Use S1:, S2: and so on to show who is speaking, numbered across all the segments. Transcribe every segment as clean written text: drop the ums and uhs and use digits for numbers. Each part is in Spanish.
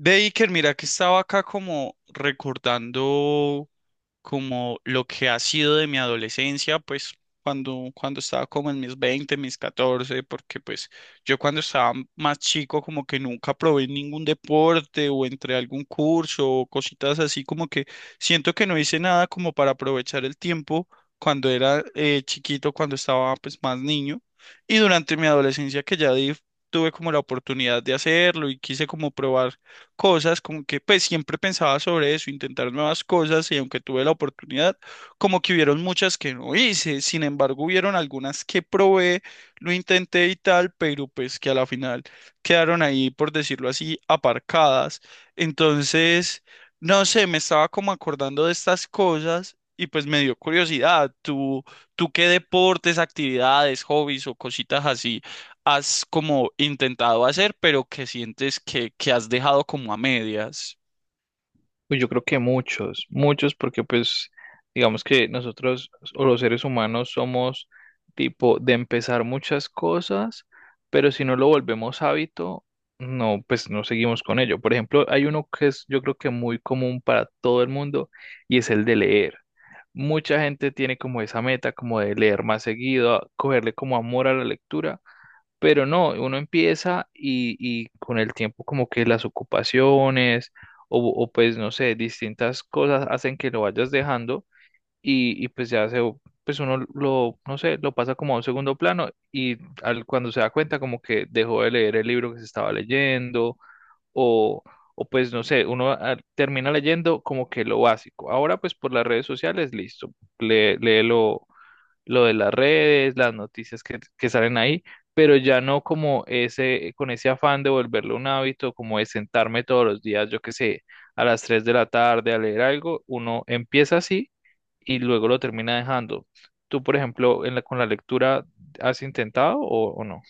S1: Ve, Iker, mira que estaba acá como recordando como lo que ha sido de mi adolescencia, pues cuando estaba como en mis 20, mis 14, porque pues yo cuando estaba más chico como que nunca probé ningún deporte o entré a algún curso o cositas así, como que siento que no hice nada como para aprovechar el tiempo cuando era chiquito, cuando estaba pues más niño y durante mi adolescencia que ya tuve como la oportunidad de hacerlo y quise como probar cosas, como que pues siempre pensaba sobre eso, intentar nuevas cosas y aunque tuve la oportunidad, como que hubieron muchas que no hice, sin embargo hubieron algunas que probé, lo intenté y tal, pero pues que a la final quedaron ahí, por decirlo así, aparcadas. Entonces, no sé, me estaba como acordando de estas cosas. Y pues me dio curiosidad, ¿tú, tú qué deportes, actividades, hobbies o cositas así has como intentado hacer, pero que sientes que has dejado como a medias?
S2: Pues yo creo que muchos, muchos porque pues digamos que nosotros o los seres humanos somos tipo de empezar muchas cosas, pero si no lo volvemos hábito, no, pues no seguimos con ello. Por ejemplo, hay uno que es yo creo que muy común para todo el mundo y es el de leer. Mucha gente tiene como esa meta como de leer más seguido, cogerle como amor a la lectura, pero no, uno empieza y con el tiempo como que las ocupaciones o pues no sé, distintas cosas hacen que lo vayas dejando y pues ya se, pues uno lo, no sé, lo pasa como a un segundo plano y al, cuando se da cuenta como que dejó de leer el libro que se estaba leyendo o, o pues no sé, uno termina leyendo como que lo básico. Ahora pues por las redes sociales, listo, léelo lo de las redes, las noticias que salen ahí, pero ya no como ese, con ese afán de volverlo un hábito, como de sentarme todos los días, yo qué sé, a las 3 de la tarde a leer algo, uno empieza así y luego lo termina dejando. Tú, por ejemplo, en la, con la lectura, ¿has intentado o no?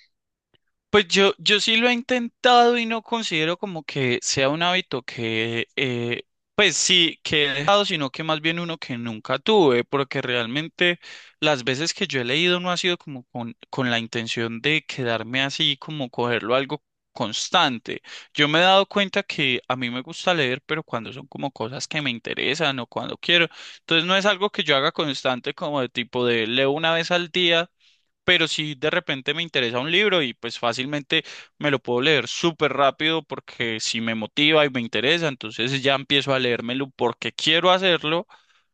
S1: Pues yo sí lo he intentado y no considero como que sea un hábito que, pues sí, que he dejado, sino que más bien uno que nunca tuve, porque realmente las veces que yo he leído no ha sido como con la intención de quedarme así, como cogerlo algo constante. Yo me he dado cuenta que a mí me gusta leer, pero cuando son como cosas que me interesan o cuando quiero. Entonces no es algo que yo haga constante como de tipo de leo una vez al día, pero si de repente me interesa un libro y pues fácilmente me lo puedo leer súper rápido porque si me motiva y me interesa, entonces ya empiezo a leérmelo porque quiero hacerlo,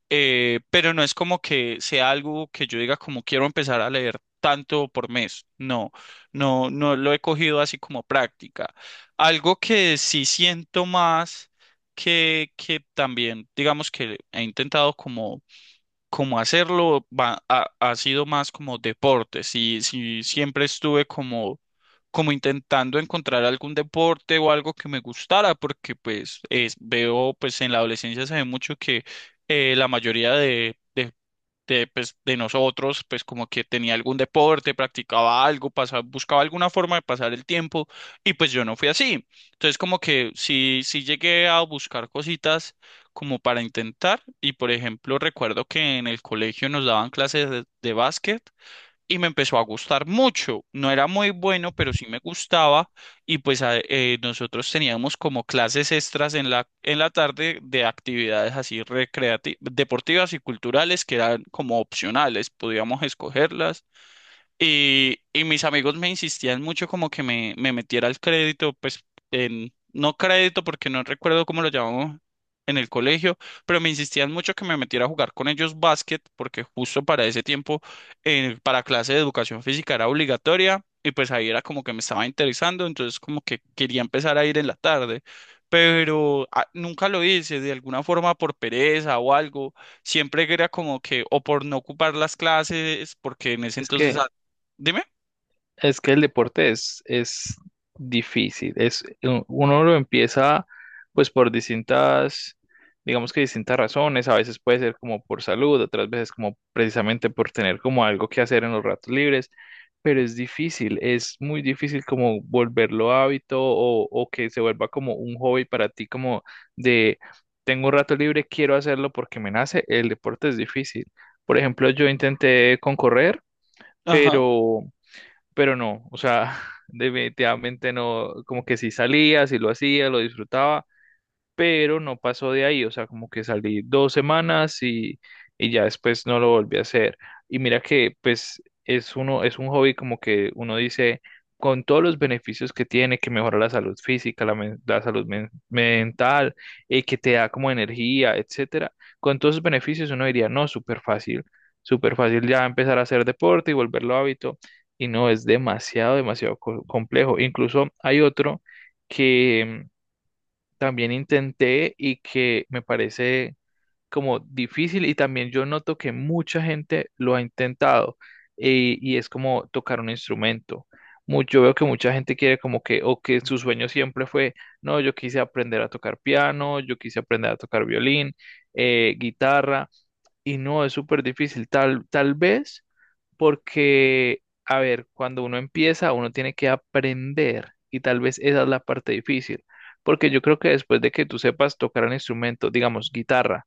S1: pero no es como que sea algo que yo diga como quiero empezar a leer tanto por mes, no, no lo he cogido así como práctica. Algo que sí siento más que también, digamos que he intentado como cómo hacerlo, ha sido más como deporte. Si, si siempre estuve como, como intentando encontrar algún deporte o algo que me gustara, porque pues es, veo, pues en la adolescencia se ve mucho que la mayoría de pues, de nosotros, pues como que tenía algún deporte, practicaba algo, pasaba, buscaba alguna forma de pasar el tiempo y pues yo no fui así. Entonces como que sí, sí llegué a buscar cositas como para intentar y por ejemplo recuerdo que en el colegio nos daban clases de básquet y me empezó a gustar mucho. No era muy bueno, pero sí me gustaba y pues nosotros teníamos como clases extras en la tarde de actividades así recreativas, deportivas y culturales que eran como opcionales, podíamos escogerlas y mis amigos me insistían mucho como que me metiera al crédito, pues en, no crédito porque no recuerdo cómo lo llamamos en el colegio, pero me insistían mucho que me metiera a jugar con ellos básquet porque justo para ese tiempo para clase de educación física era obligatoria y pues ahí era como que me estaba interesando, entonces como que quería empezar a ir en la tarde, pero nunca lo hice de alguna forma por pereza o algo siempre era como que o por no ocupar las clases, porque en ese
S2: Es
S1: entonces…
S2: que
S1: Dime.
S2: Es que el deporte es difícil. Es, uno lo empieza pues por distintas, digamos que distintas razones. A veces puede ser como por salud, otras veces como precisamente por tener como algo que hacer en los ratos libres. Pero es difícil, es muy difícil como volverlo hábito o que se vuelva como un hobby para ti, como de tengo un rato libre, quiero hacerlo porque me nace. El deporte es difícil. Por ejemplo, yo intenté con correr,
S1: Ajá.
S2: pero pero no, o sea, definitivamente no, como que sí salía, sí lo hacía, lo disfrutaba, pero no pasó de ahí, o sea, como que salí 2 semanas y ya después no lo volví a hacer. Y mira que pues es uno, es un hobby como que uno dice, con todos los beneficios que tiene, que mejora la salud física, la salud mental, que te da como energía, etcétera, con todos esos beneficios uno diría, no, súper fácil ya empezar a hacer deporte y volverlo hábito. Y no, es demasiado, demasiado complejo. Incluso hay otro que también intenté y que me parece como difícil y también yo noto que mucha gente lo ha intentado y es como tocar un instrumento. Yo veo que mucha gente quiere como que, o que su sueño siempre fue, no, yo quise aprender a tocar piano, yo quise aprender a tocar violín, guitarra, y no, es súper difícil. Tal, tal vez porque, a ver, cuando uno empieza, uno tiene que aprender y tal vez esa es la parte difícil, porque yo creo que después de que tú sepas tocar un instrumento, digamos guitarra,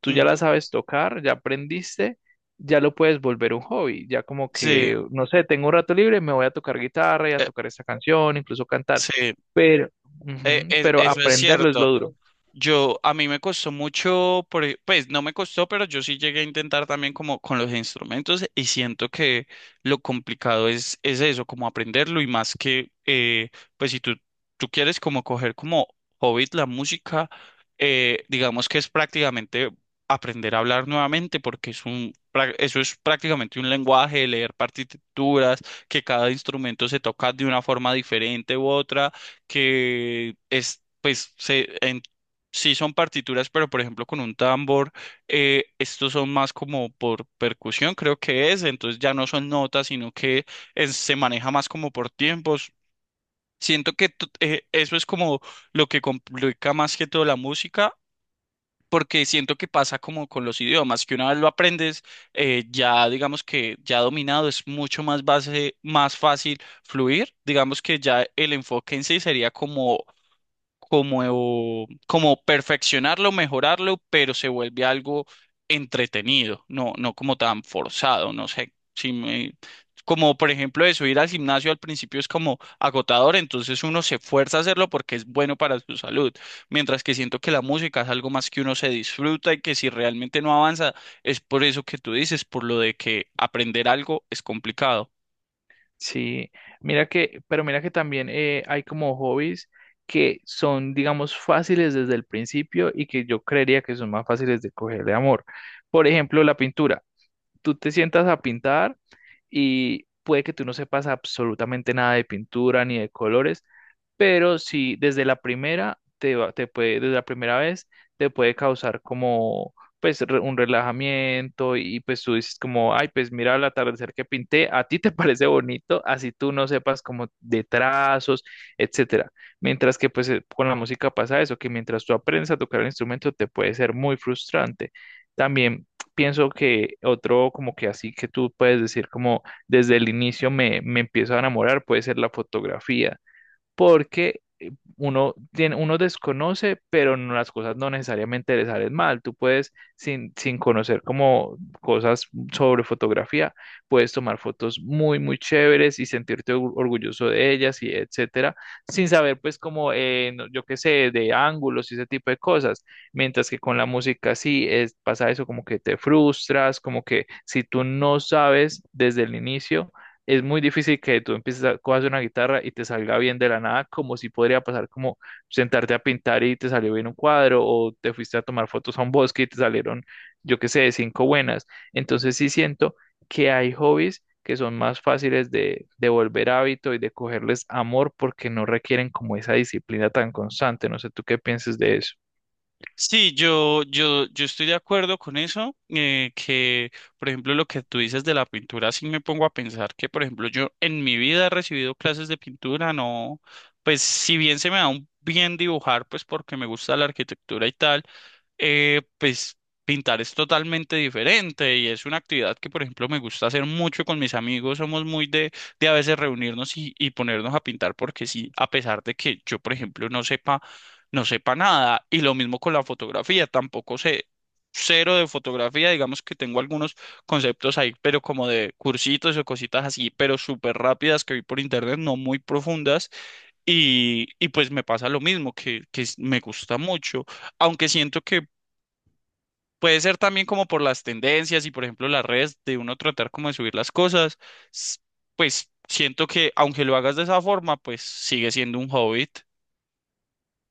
S2: tú ya la
S1: Ujú.
S2: sabes tocar, ya aprendiste, ya lo puedes volver un hobby, ya como
S1: Sí,
S2: que, no sé, tengo un rato libre, me voy a tocar guitarra y a
S1: eh,
S2: tocar esta canción, incluso cantar,
S1: sí.
S2: pero, ujú, pero
S1: Eso es
S2: aprenderlo es lo
S1: cierto.
S2: duro.
S1: Yo, a mí me costó mucho, pues no me costó, pero yo sí llegué a intentar también como con los instrumentos y siento que lo complicado es eso, como aprenderlo y más que, pues si tú, tú quieres como coger como hobby la música, digamos que es prácticamente aprender a hablar nuevamente porque es un, eso es prácticamente un lenguaje, leer partituras, que cada instrumento se toca de una forma diferente u otra que es, pues, se, en- Sí, son partituras, pero por ejemplo con un tambor, estos son más como por percusión, creo que es, entonces ya no son notas, sino que se maneja más como por tiempos. Siento que eso es como lo que complica más que todo la música, porque siento que pasa como con los idiomas, que una vez lo aprendes, ya digamos que ya dominado es mucho más base, más fácil fluir, digamos que ya el enfoque en sí sería como como, como perfeccionarlo, mejorarlo, pero se vuelve algo entretenido, no, no como tan forzado, no sé, si me- como por ejemplo eso, ir al gimnasio al principio es como agotador, entonces uno se fuerza a hacerlo porque es bueno para su salud, mientras que siento que la música es algo más que uno se disfruta y que si realmente no avanza, es por eso que tú dices, por lo de que aprender algo es complicado.
S2: Sí, mira que, pero mira que también hay como hobbies que son, digamos, fáciles desde el principio y que yo creería que son más fáciles de coger de amor. Por ejemplo, la pintura. Tú te sientas a pintar y puede que tú no sepas absolutamente nada de pintura ni de colores, pero si desde la primera te puede, desde la primera vez te puede causar como pues un relajamiento y pues tú dices como, ay, pues mira el atardecer que pinté, a ti te parece bonito, así tú no sepas como de trazos, etcétera. Mientras que pues con la música pasa eso, que mientras tú aprendes a tocar el instrumento te puede ser muy frustrante. También pienso que otro como que así que tú puedes decir como desde el inicio me empiezo a enamorar puede ser la fotografía porque uno tiene, uno desconoce, pero las cosas no necesariamente le salen mal. Tú puedes, sin conocer como cosas sobre fotografía, puedes tomar fotos muy, muy chéveres y sentirte orgulloso de ellas y etcétera, sin saber pues como, yo qué sé, de ángulos y ese tipo de cosas. Mientras que con la música sí es, pasa eso como que te frustras, como que si tú no sabes desde el inicio es muy difícil que tú empieces a cojas una guitarra y te salga bien de la nada, como si podría pasar como sentarte a pintar y te salió bien un cuadro, o te fuiste a tomar fotos a un bosque y te salieron, yo qué sé, cinco buenas. Entonces sí siento que hay hobbies que son más fáciles de volver hábito y de cogerles amor porque no requieren como esa disciplina tan constante. No sé tú qué pienses de eso.
S1: Sí, yo estoy de acuerdo con eso, que por ejemplo lo que tú dices de la pintura, sí me pongo a pensar que por ejemplo yo en mi vida he recibido clases de pintura, no, pues si bien se me da un bien dibujar, pues porque me gusta la arquitectura y tal, pues pintar es totalmente diferente y es una actividad que, por ejemplo, me gusta hacer mucho con mis amigos. Somos muy de a veces reunirnos y ponernos a pintar porque sí, a pesar de que yo, por ejemplo, no sepa nada. Y lo mismo con la fotografía, tampoco sé cero de fotografía, digamos que tengo algunos conceptos ahí, pero como de cursitos o cositas así, pero súper rápidas que vi por internet, no muy profundas. Y pues me pasa lo mismo, que me gusta mucho, aunque siento que… Puede ser también como por las tendencias y por ejemplo las redes de uno tratar como de subir las cosas, s- pues siento que aunque lo hagas de esa forma, pues sigue siendo un hobby.